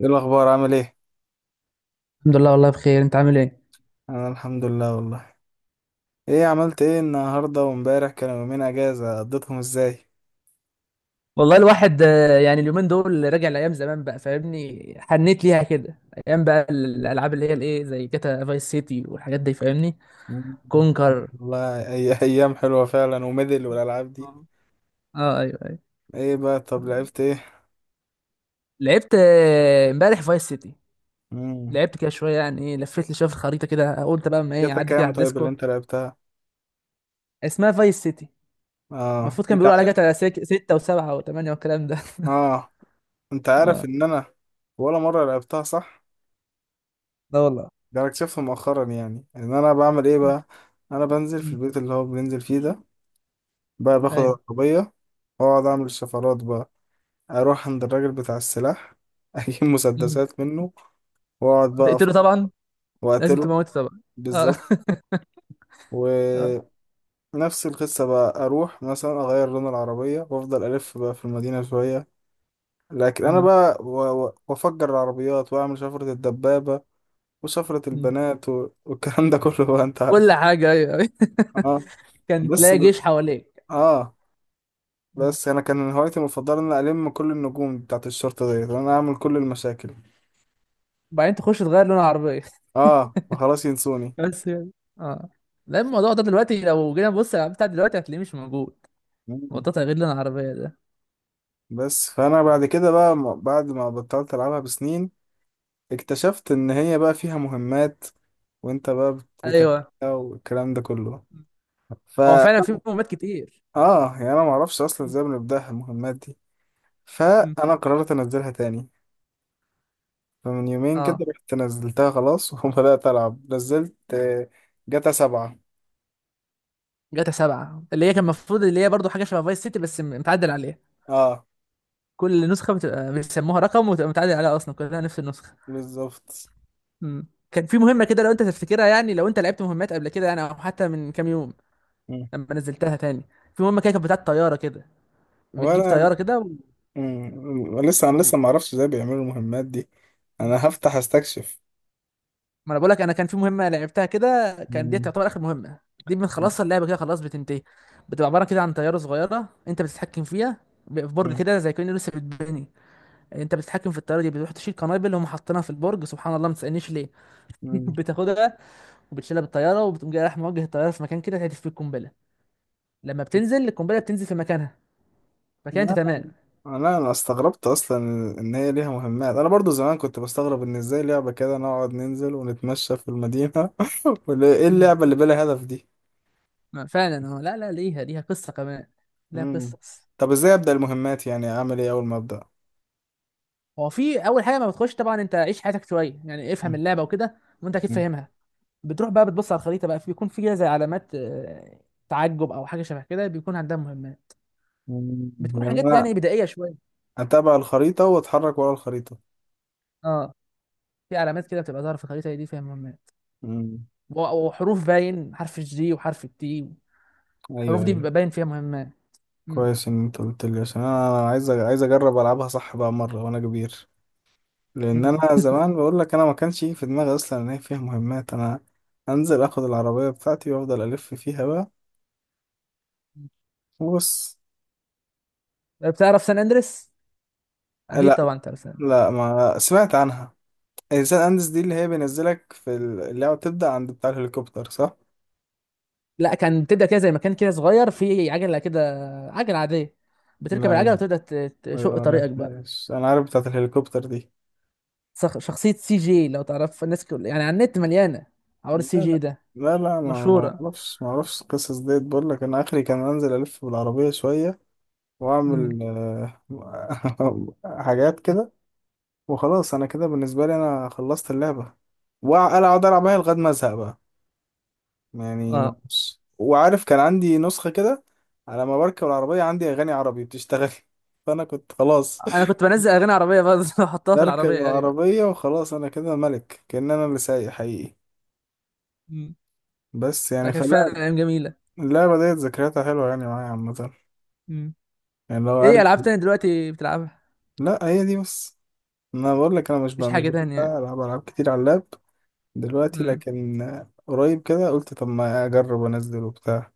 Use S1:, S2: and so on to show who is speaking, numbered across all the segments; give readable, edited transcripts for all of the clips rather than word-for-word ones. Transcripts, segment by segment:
S1: ايه الاخبار؟ عامل ايه؟
S2: الحمد لله، والله بخير. انت عامل ايه؟
S1: انا الحمد لله والله. ايه عملت ايه النهارده؟ وامبارح كانوا يومين اجازه قضيتهم ازاي؟
S2: والله الواحد يعني اليومين دول راجع لايام زمان بقى، فاهمني؟ حنيت ليها كده. ايام بقى الالعاب اللي هي الايه، زي جاتا فايس سيتي والحاجات دي، فاهمني؟
S1: مم.
S2: كونكر.
S1: والله اي ايام حلوه فعلا، وميدل والالعاب دي.
S2: اه. اه، ايوه ايوه.
S1: ايه بقى؟ طب لعبت ايه؟
S2: لعبت امبارح فايس سيتي.
S1: امم.
S2: لعبت كده شويه، يعني ايه، لفيت لي شويه في الخريطه كده، قلت بقى ما ايه
S1: جاتا
S2: اعدي كده
S1: كام
S2: على
S1: طيب اللي
S2: الديسكو.
S1: انت لعبتها؟
S2: اسمها فايس سيتي.
S1: اه،
S2: المفروض كان
S1: انت
S2: بيقولوا عليها
S1: عارف.
S2: جاتا ستة وسبعة وثمانية والكلام ده.
S1: اه، انت عارف
S2: اه.
S1: ان انا ولا مره لعبتها صح.
S2: لا والله.
S1: ده انا اكتشفت مؤخرا يعني ان انا بعمل ايه بقى. انا بنزل في
S2: مم.
S1: البيت اللي هو بننزل فيه ده، بقى باخد
S2: ايوه.
S1: العربيه واقعد اعمل الشفرات بقى، اروح عند الراجل بتاع السلاح اجيب
S2: مم.
S1: مسدسات منه، واقعد بقى
S2: وتقتله طبعا. لازم
S1: واقتله.
S2: تموته طبعا. اه.
S1: بالظبط.
S2: اه.
S1: ونفس القصة بقى اروح مثلا اغير لون العربية وافضل الف بقى في المدينة شوية، لكن انا
S2: مم.
S1: بقى وافجر العربيات واعمل شفرة الدبابة وشفرة
S2: مم.
S1: البنات والكلام ده كله بقى انت عارف.
S2: كل حاجة، أيوة أيوة.
S1: اه.
S2: كان
S1: بس
S2: تلاقي
S1: ب...
S2: جيش حواليك.
S1: اه.
S2: مم.
S1: بس انا كان هوايتي المفضلة ان أنا الم كل النجوم بتاعت الشرطة ديت وانا اعمل كل المشاكل.
S2: وبعدين تخش تغير لون العربية.
S1: اه، فخلاص ينسوني.
S2: بس يعني. اه. لا، الموضوع ده دلوقتي لو جينا نبص على بتاع دلوقتي هتلاقيه مش موجود، موضوع تغيير لون العربية ده.
S1: بس فانا بعد كده بعد ما بطلت العبها بسنين اكتشفت ان هي بقى فيها مهمات، وانت بقى
S2: ايوه.
S1: بتعملها والكلام ده كله. ف
S2: هو فعلا في مهمات كتير.
S1: يعني انا ما اعرفش اصلا
S2: مم.
S1: ازاي بنبداها المهمات دي،
S2: مم.
S1: فانا قررت انزلها تاني. فمن يومين كده
S2: اه.
S1: رحت نزلتها خلاص وبدات العب. نزلت جاتا سبعة.
S2: جاتا سبعة، اللي هي كان المفروض اللي هي برضه حاجة شبه فايس سيتي بس متعدل عليها.
S1: اه.
S2: كل نسخة بتبقى بيسموها رقم وتبقى متعدل عليها، أصلا كلها نفس النسخة.
S1: بالظبط.
S2: مم. كان في مهمة كده، لو أنت تفتكرها، يعني لو أنت لعبت مهمات قبل كده، يعني أو حتى من كام يوم
S1: مم.
S2: لما نزلتها تاني. في مهمه كده كانت بتاعت طياره كده، بتجيب
S1: وانا.
S2: طياره كده و...
S1: مم. لسه انا
S2: و...
S1: لسه ما اعرفش ازاي بيعملوا المهمات دي. انا هفتح استكشف.
S2: ما انا بقول لك، انا كان في مهمه لعبتها كده، كان دي تعتبر اخر مهمه. دي
S1: مم.
S2: بنخلصها اللعبه كده، خلاص بتنتهي. بتبقى عباره كده عن طياره صغيره انت بتتحكم فيها، في برج كده زي كأنه لسه بيتبني. انت بتتحكم في الطياره دي، بتروح تشيل قنابل هم حاطينها في البرج، سبحان الله ما تسالنيش ليه.
S1: مم.
S2: بتاخدها وبتشيلها بالطياره، وبتقوم جاي رايح موجه الطياره في مكان كده تهدف فيه القنبله. لما بتنزل القنبله بتنزل في مكانها، فكده انت
S1: لا،
S2: تمام.
S1: انا استغربت اصلا ان هي ليها مهمات. انا برضو زمان كنت بستغرب ان ازاي لعبة كده نقعد ننزل ونتمشى في المدينة. ولا ايه اللعبة اللي بلا هدف دي؟
S2: ما فعلا اه، لا لا، ليها قصة كمان، ليها
S1: مم.
S2: قصص.
S1: طب ازاي ابدا المهمات؟ يعني اعمل ايه اول ما ابدا؟
S2: هو في أول حاجة ما بتخش طبعا، أنت عيش حياتك شوية، يعني افهم
S1: مم.
S2: اللعبة وكده، وأنت أكيد
S1: مم.
S2: فاهمها. بتروح بقى بتبص على الخريطة بقى، بيكون في كده زي علامات تعجب أو حاجة شبه كده، بيكون عندها مهمات.
S1: مم.
S2: بتكون
S1: يعني
S2: حاجات
S1: انا
S2: يعني بدائية شوية.
S1: اتابع الخريطة واتحرك ورا الخريطة.
S2: اه. في علامات كده بتبقى ظاهرة في الخريطة دي فيها مهمات،
S1: مم.
S2: وحروف، باين حرف الجي وحرف التي. الحروف
S1: ايوه،
S2: دي
S1: ايوه.
S2: بيبقى باين فيها مهمات. مم.
S1: كويس ان انت قلت لي عشان انا عايز عايز اجرب العبها صح بقى مرة وانا كبير، لان
S2: مم.
S1: انا زمان بقول لك انا ما كانش يجي في دماغي اصلا ان هي فيها مهمات. انا انزل اخد العربيه بتاعتي وافضل الف فيها بقى. بص.
S2: بتعرف سان أندريس؟ أكيد
S1: لا،
S2: طبعا تعرف.
S1: لا، ما سمعت عنها. الانسان اندس دي اللي هي بينزلك في اللعبه بتبدا عند بتاع الهليكوبتر صح؟
S2: لا، كان بتبدا كده زي مكان كده صغير فيه عجله كده، عجله عاديه. بتركب
S1: لا
S2: العجله
S1: يم-
S2: وتبدا تشق
S1: أيوة، ما
S2: طريقك بقى.
S1: عرفتهاش. انا عارف بتاعه الهليكوبتر دي.
S2: شخصيه سي جي، لو تعرف، الناس كل... يعني على النت مليانه حوار
S1: لا،
S2: السي جي
S1: لا،
S2: ده.
S1: لا، لا، ما ما
S2: مشهوره.
S1: اعرفش ما اعرفش القصص ديت. بقول لك انا اخري كان انزل الف بالعربيه شويه
S2: امم.
S1: واعمل حاجات كده. وخلاص انا كده بالنسبه لي انا خلصت اللعبه، وانا اقعد العب بيها لغايه ما ازهق بقى. يعني
S2: اه
S1: بص، وعارف كان عندي نسخه كده، على ما بركب العربيه عندي اغاني عربي بتشتغل فانا كنت خلاص،
S2: انا كنت بنزل اغاني عربيه برضه، واحطها في
S1: بركب
S2: العربيه، ايوه.
S1: العربيه وخلاص انا كده ملك كأن انا اللي سايق حقيقي.
S2: امم.
S1: بس
S2: لا،
S1: يعني
S2: كانت
S1: فلا،
S2: فعلا ايام جميله.
S1: اللعبه ديت ذكرياتها حلوه يعني معايا عامه.
S2: امم.
S1: يعني لو
S2: ايه
S1: ارجع.
S2: العاب تانية دلوقتي بتلعبها؟
S1: لا، هي دي بس. انا بقول لك انا مش
S2: مفيش
S1: بقى مش
S2: حاجه
S1: بحب
S2: تانية يعني؟
S1: العب العاب كتير على اللاب دلوقتي.
S2: امم.
S1: لكن قريب كده قلت طب ما اجرب انزل وبتاع.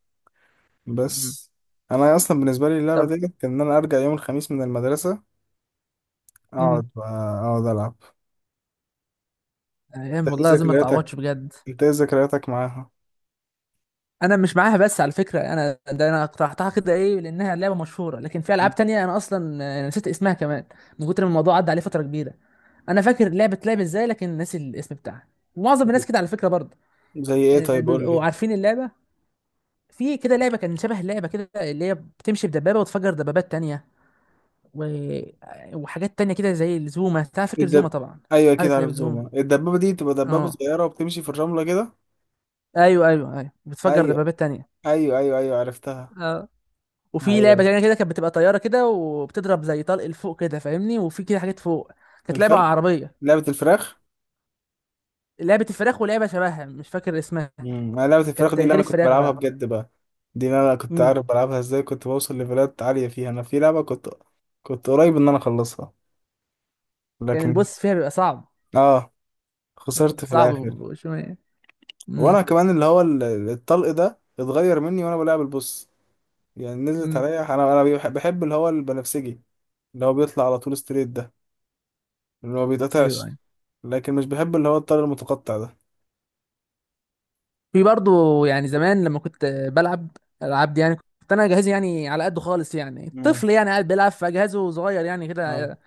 S2: امم.
S1: بس. انا اصلا بالنسبه لي اللعبه
S2: طب.
S1: دي كان ان انا ارجع يوم الخميس من المدرسه،
S2: امم.
S1: اقعد بقى- اقعد العب. انت
S2: ايام
S1: ايه
S2: والله العظيم ما
S1: ذكرياتك
S2: تتعوضش بجد.
S1: انت ايه ذكرياتك معاها؟
S2: انا مش معاها، بس على فكره انا ده انا اقترحتها كده، ايه، لانها لعبه مشهوره، لكن في
S1: مم.
S2: العاب تانية انا اصلا نسيت اسمها كمان، من كتر ما الموضوع عدى عليه فتره كبيره. انا فاكر اللعبه بتلعب ازاي، لكن ناسي الاسم بتاعها. معظم الناس كده على فكره برضه،
S1: زي ايه؟
S2: يعني
S1: طيب قول
S2: بيبقوا
S1: لي.
S2: عارفين اللعبه. في كده لعبه كان شبه اللعبه كده، اللي هي بتمشي بدبابه وتفجر دبابات تانية، و... وحاجات تانية كده زي زوما. انت فاكر زوما
S1: الدب
S2: طبعا؟
S1: ايوه اكيد
S2: عارف
S1: عارف
S2: لعبه زوما؟
S1: زوما. الدبابه دي بتبقى دبابه
S2: اه.
S1: صغيره وبتمشي في الرمله كده.
S2: ايوه بتفجر
S1: ايوه،
S2: دبابات تانية.
S1: ايوه، ايوه، ايوه، عرفتها.
S2: اه. وفي لعبه
S1: ايوه.
S2: تانية كده، كانت بتبقى طياره كده وبتضرب زي طلق لفوق كده، فاهمني؟ وفي كده حاجات فوق. كانت لعبه
S1: الفرخ
S2: عربيه.
S1: لعبه الفراخ.
S2: لعبه الفراخ، ولعبه شبهها مش فاكر اسمها.
S1: امم. لعبه الفراخ
S2: كانت
S1: دي اللي
S2: غير
S1: انا كنت
S2: الفراخ
S1: بلعبها
S2: بقى.
S1: بجد بقى. دي اللي انا كنت
S2: امم.
S1: عارف بلعبها ازاي. كنت بوصل ليفلات عاليه فيها. انا في لعبه كنت قريب ان انا اخلصها.
S2: كان
S1: لكن
S2: البوس فيها بيبقى صعب.
S1: اه،
S2: امم،
S1: خسرت في
S2: صعب
S1: الاخر.
S2: شويه. امم.
S1: وانا كمان اللي هو الطلق ده اتغير مني وانا بلعب البوس. يعني نزلت
S2: امم.
S1: عليا. انا بحب اللي هو البنفسجي اللي هو بيطلع على طول ستريت ده اللي هو
S2: ايوه
S1: بيتقطعش.
S2: أيوة.
S1: لكن مش بحب اللي هو الطلق المتقطع ده.
S2: في برضو يعني زمان لما كنت بلعب العاب دي، يعني كنت انا جهازي يعني على قده خالص، يعني
S1: مم.
S2: طفل يعني قاعد بيلعب فجهازه صغير يعني
S1: اه،
S2: كده.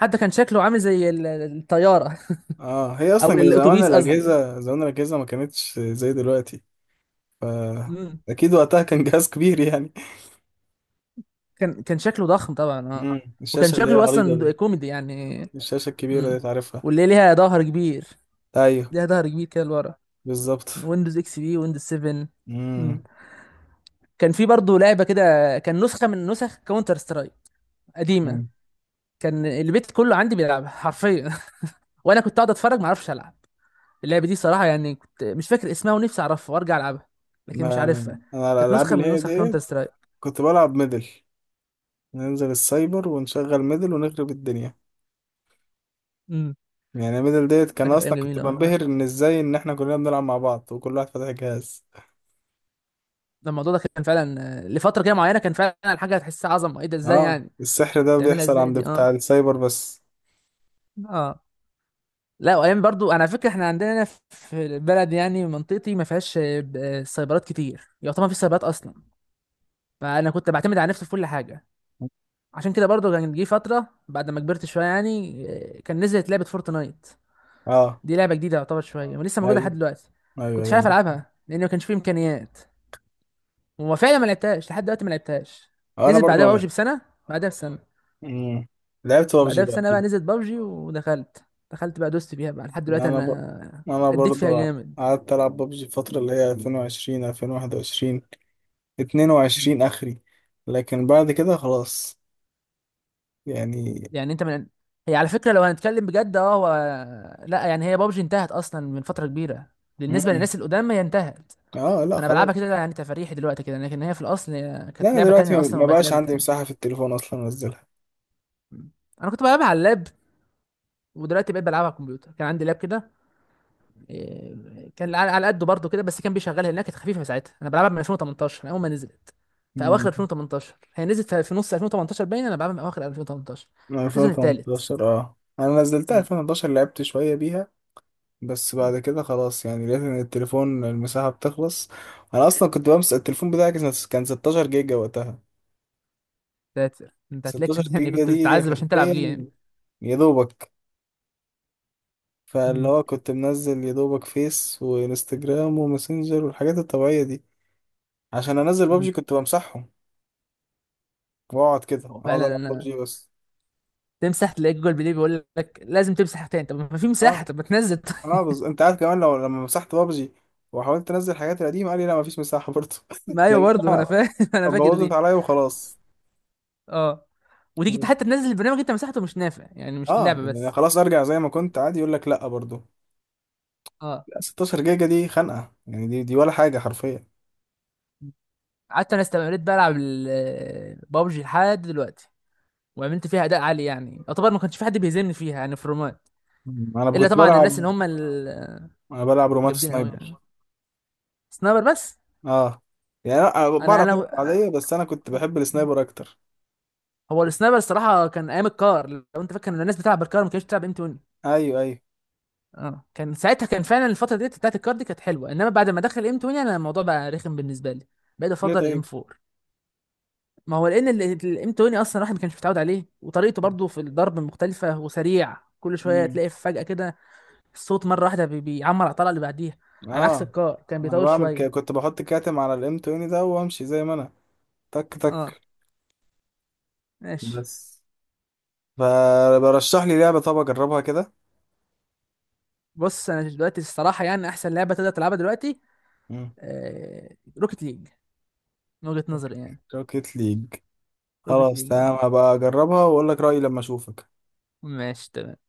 S2: حتى كان شكله عامل زي الطياره،
S1: اه، هي
S2: او
S1: اصلا كان زمان
S2: الاتوبيس قصدي.
S1: الاجهزه، ما كانتش زي دلوقتي. ف،
S2: امم.
S1: اكيد وقتها كان جهاز كبير يعني.
S2: كان شكله ضخم طبعا اه.
S1: مم.
S2: وكان
S1: الشاشه اللي هي
S2: شكله
S1: العريضه
S2: اصلا
S1: دي،
S2: كوميدي يعني.
S1: الشاشه الكبيره دي
S2: امم.
S1: تعرفها؟
S2: واللي ليها ظهر كبير،
S1: ايوه.
S2: ليها ظهر كبير كده لورا.
S1: بالظبط.
S2: ويندوز اكس بي، ويندوز 7. امم.
S1: امم.
S2: كان في برضه لعبه كده، كان نسخه من نسخ كاونتر سترايك قديمه.
S1: مم.
S2: كان البيت كله عندي بيلعبها حرفيا، وانا كنت قاعد اتفرج ما اعرفش العب. اللعبه دي صراحه يعني، كنت مش فاكر اسمها ونفسي اعرفها وارجع العبها، لكن مش
S1: لا، انا
S2: عارفها.
S1: أنا
S2: كانت
S1: الالعاب
S2: نسخه
S1: اللي
S2: من
S1: هي
S2: نسخ
S1: دي
S2: كاونتر سترايك.
S1: كنت بلعب ميدل. ننزل السايبر ونشغل ميدل ونخرب الدنيا.
S2: امم.
S1: يعني ميدل ديت
S2: ده
S1: كان
S2: كانت ايام
S1: اصلا كنت
S2: جميله.
S1: بنبهر ان ازاي ان احنا كلنا بنلعب مع بعض وكل واحد فاتح جهاز.
S2: ده الموضوع ده كان فعلا لفتره كده معينه، كان فعلا الحاجه هتحسها عظمه، ايه ده، ازاي
S1: اه،
S2: يعني
S1: السحر ده
S2: هتعملها
S1: بيحصل
S2: ازاي
S1: عند
S2: دي؟ اه.
S1: بتاع السايبر بس.
S2: اه لا، وايام برضو انا فاكر احنا عندنا هنا في البلد، يعني منطقتي ما فيهاش سايبرات كتير، يعتبر ما فيش سايبرات اصلا. فانا كنت بعتمد على نفسي في كل حاجه. عشان كده برضو كان جه فتره بعد ما كبرت شويه يعني، كان نزلت لعبه فورتنايت.
S1: اه،
S2: دي لعبه جديده يعتبر شويه ولسه موجوده لحد
S1: ايوه،
S2: دلوقتي.
S1: ايوه،
S2: كنتش
S1: ايوه،
S2: عارف
S1: عارف.
S2: العبها لان ما كانش فيه امكانيات، وفعلا ما لعبتهاش لحد دلوقتي، ما لعبتهاش.
S1: انا
S2: نزلت
S1: برضو
S2: بعدها بوجي
S1: انا.
S2: بسنه، بعدها بسنه،
S1: مم. لعبت بابجي
S2: بعدها
S1: بقى
S2: بسنة بقى
S1: اكيد.
S2: نزلت بابجي ودخلت، دخلت بقى دوست فيها بقى لحد
S1: يعني
S2: دلوقتي
S1: انا
S2: انا،
S1: انا
S2: اديت فيها
S1: برضو
S2: جامد.
S1: قعدت العب بابجي الفترة اللي هي 2020 2021 22 اخري. لكن بعد كده خلاص يعني.
S2: يعني انت من، هي على فكرة لو هنتكلم بجد اه هو، لا يعني هي بابجي انتهت اصلا من فترة كبيرة، بالنسبة
S1: مم.
S2: للناس القدام هي انتهت.
S1: اه، لا
S2: انا
S1: خلاص.
S2: بلعبها كده يعني تفاريحي دلوقتي كده، لكن هي في الاصل هي
S1: لا،
S2: كانت
S1: انا
S2: لعبة
S1: دلوقتي
S2: تانية
S1: ما
S2: اصلا
S1: ما
S2: وبقت
S1: بقاش
S2: لعبة
S1: عندي
S2: تانية.
S1: مساحة في التليفون اصلا انزلها.
S2: انا كنت بلعبها على اللاب، ودلوقتي بقيت بلعبها على الكمبيوتر. كان عندي لاب كده، إيه، كان على على قده برضه كده، بس كان بيشغلها لانها كانت خفيفه ساعتها. انا بلعبها من 2018، من اول ما نزلت، في اواخر
S1: مم.
S2: 2018. هي نزلت في نص 2018 باين، انا بلعبها من اواخر 2018،
S1: من
S2: السيزون الثالث.
S1: 2018. اه، انا نزلتها
S2: مم.
S1: 2011، لعبت شوية بيها. بس
S2: مم.
S1: بعد كده خلاص يعني، لقيت ان التليفون المساحة بتخلص. انا اصلا كنت بمسك التليفون بتاعي، كان 16 جيجا وقتها.
S2: انت
S1: 16
S2: هتلاقيك، يعني
S1: جيجا
S2: كنت
S1: دي
S2: بتتعذب عشان تلعب جي
S1: حرفيا
S2: يعني.
S1: يا دوبك. فاللي
S2: مم.
S1: هو كنت منزل يا دوبك فيس وانستجرام وماسنجر والحاجات الطبيعية دي. عشان انزل
S2: مم.
S1: بابجي كنت بمسحهم، واقعد كده
S2: هو
S1: اقعد
S2: فعلا
S1: العب
S2: انا،
S1: بابجي بس.
S2: تمسح تلاقي جوجل بلاي بيقول لك لازم تمسح تاني، طب ما في
S1: اه.
S2: مساحه، طب ما تنزل. طيب.
S1: اه، انت عارف كمان لما مسحت بابجي وحاولت انزل حاجات القديمه، قال لي لا مفيش مساحه برضه.
S2: ما ايوه
S1: يعني
S2: برضه، ما انا
S1: انا
S2: فاهم، انا فاكر
S1: بوظت
S2: دي.
S1: عليا وخلاص.
S2: اه. وتيجي حتى تنزل البرنامج انت مسحته مش نافع، يعني مش
S1: اه،
S2: اللعبه
S1: يعني
S2: بس.
S1: خلاص ارجع زي ما كنت عادي يقول لك لا برضه.
S2: اه.
S1: لا، 16 جيجا دي خنقه يعني، دي ولا حاجه حرفيا.
S2: قعدت انا استمريت بلعب بابجي لحد دلوقتي، وعملت فيها اداء عالي، يعني يعتبر ما كانش في حد بيهزمني فيها يعني في الرومات،
S1: مم. انا
S2: الا
S1: كنت
S2: طبعا الناس
S1: بلعب،
S2: اللي هم الجامدين
S1: انا بلعب رومات
S2: قوي
S1: سنايبر.
S2: يعني. سنايبر بس؟
S1: اه، يعني انا
S2: انا
S1: بعرف
S2: انا
S1: العب
S2: آه،
S1: عاديه، بس انا كنت بحب السنايبر اكتر.
S2: هو السنايبر الصراحه كان ايام الكار، لو انت فاكر ان الناس بتلعب بالكار ما كانتش بتلعب ام 20.
S1: ايوه، ايوه.
S2: اه، كان ساعتها كان فعلا الفتره ديت بتاعت الكار دي كانت حلوه، انما بعد ما دخل ام 20 انا الموضوع بقى رخم بالنسبه لي، بقيت
S1: ليه
S2: افضل الام
S1: طيب؟
S2: 4. ما هو لان الانتوني اصلا الواحد ما كانش متعود عليه، وطريقته برضه في الضرب مختلفه وسريع، كل شويه
S1: امم.
S2: تلاقي فجاه كده الصوت مره واحده بيعمر على الطلقه اللي بعديها، على عكس
S1: اه،
S2: الكار كان
S1: انا
S2: بيطول
S1: بعمل
S2: شويه.
S1: كنت بحط كاتم على الام 20 ده وامشي زي ما انا، تك
S2: اه
S1: تك.
S2: ماشي.
S1: بس، فبرشح لي لعبة طب أجربها كده.
S2: بص انا دلوقتي الصراحه يعني احسن لعبه تقدر تلعبها دلوقتي
S1: مم.
S2: روكيت ليج، من وجهه نظري يعني.
S1: روكيت ليج.
S2: روكيت
S1: خلاص
S2: ليج، اه
S1: تمام، هبقى أجربها وأقول لك رأيي لما أشوفك.
S2: ماشي.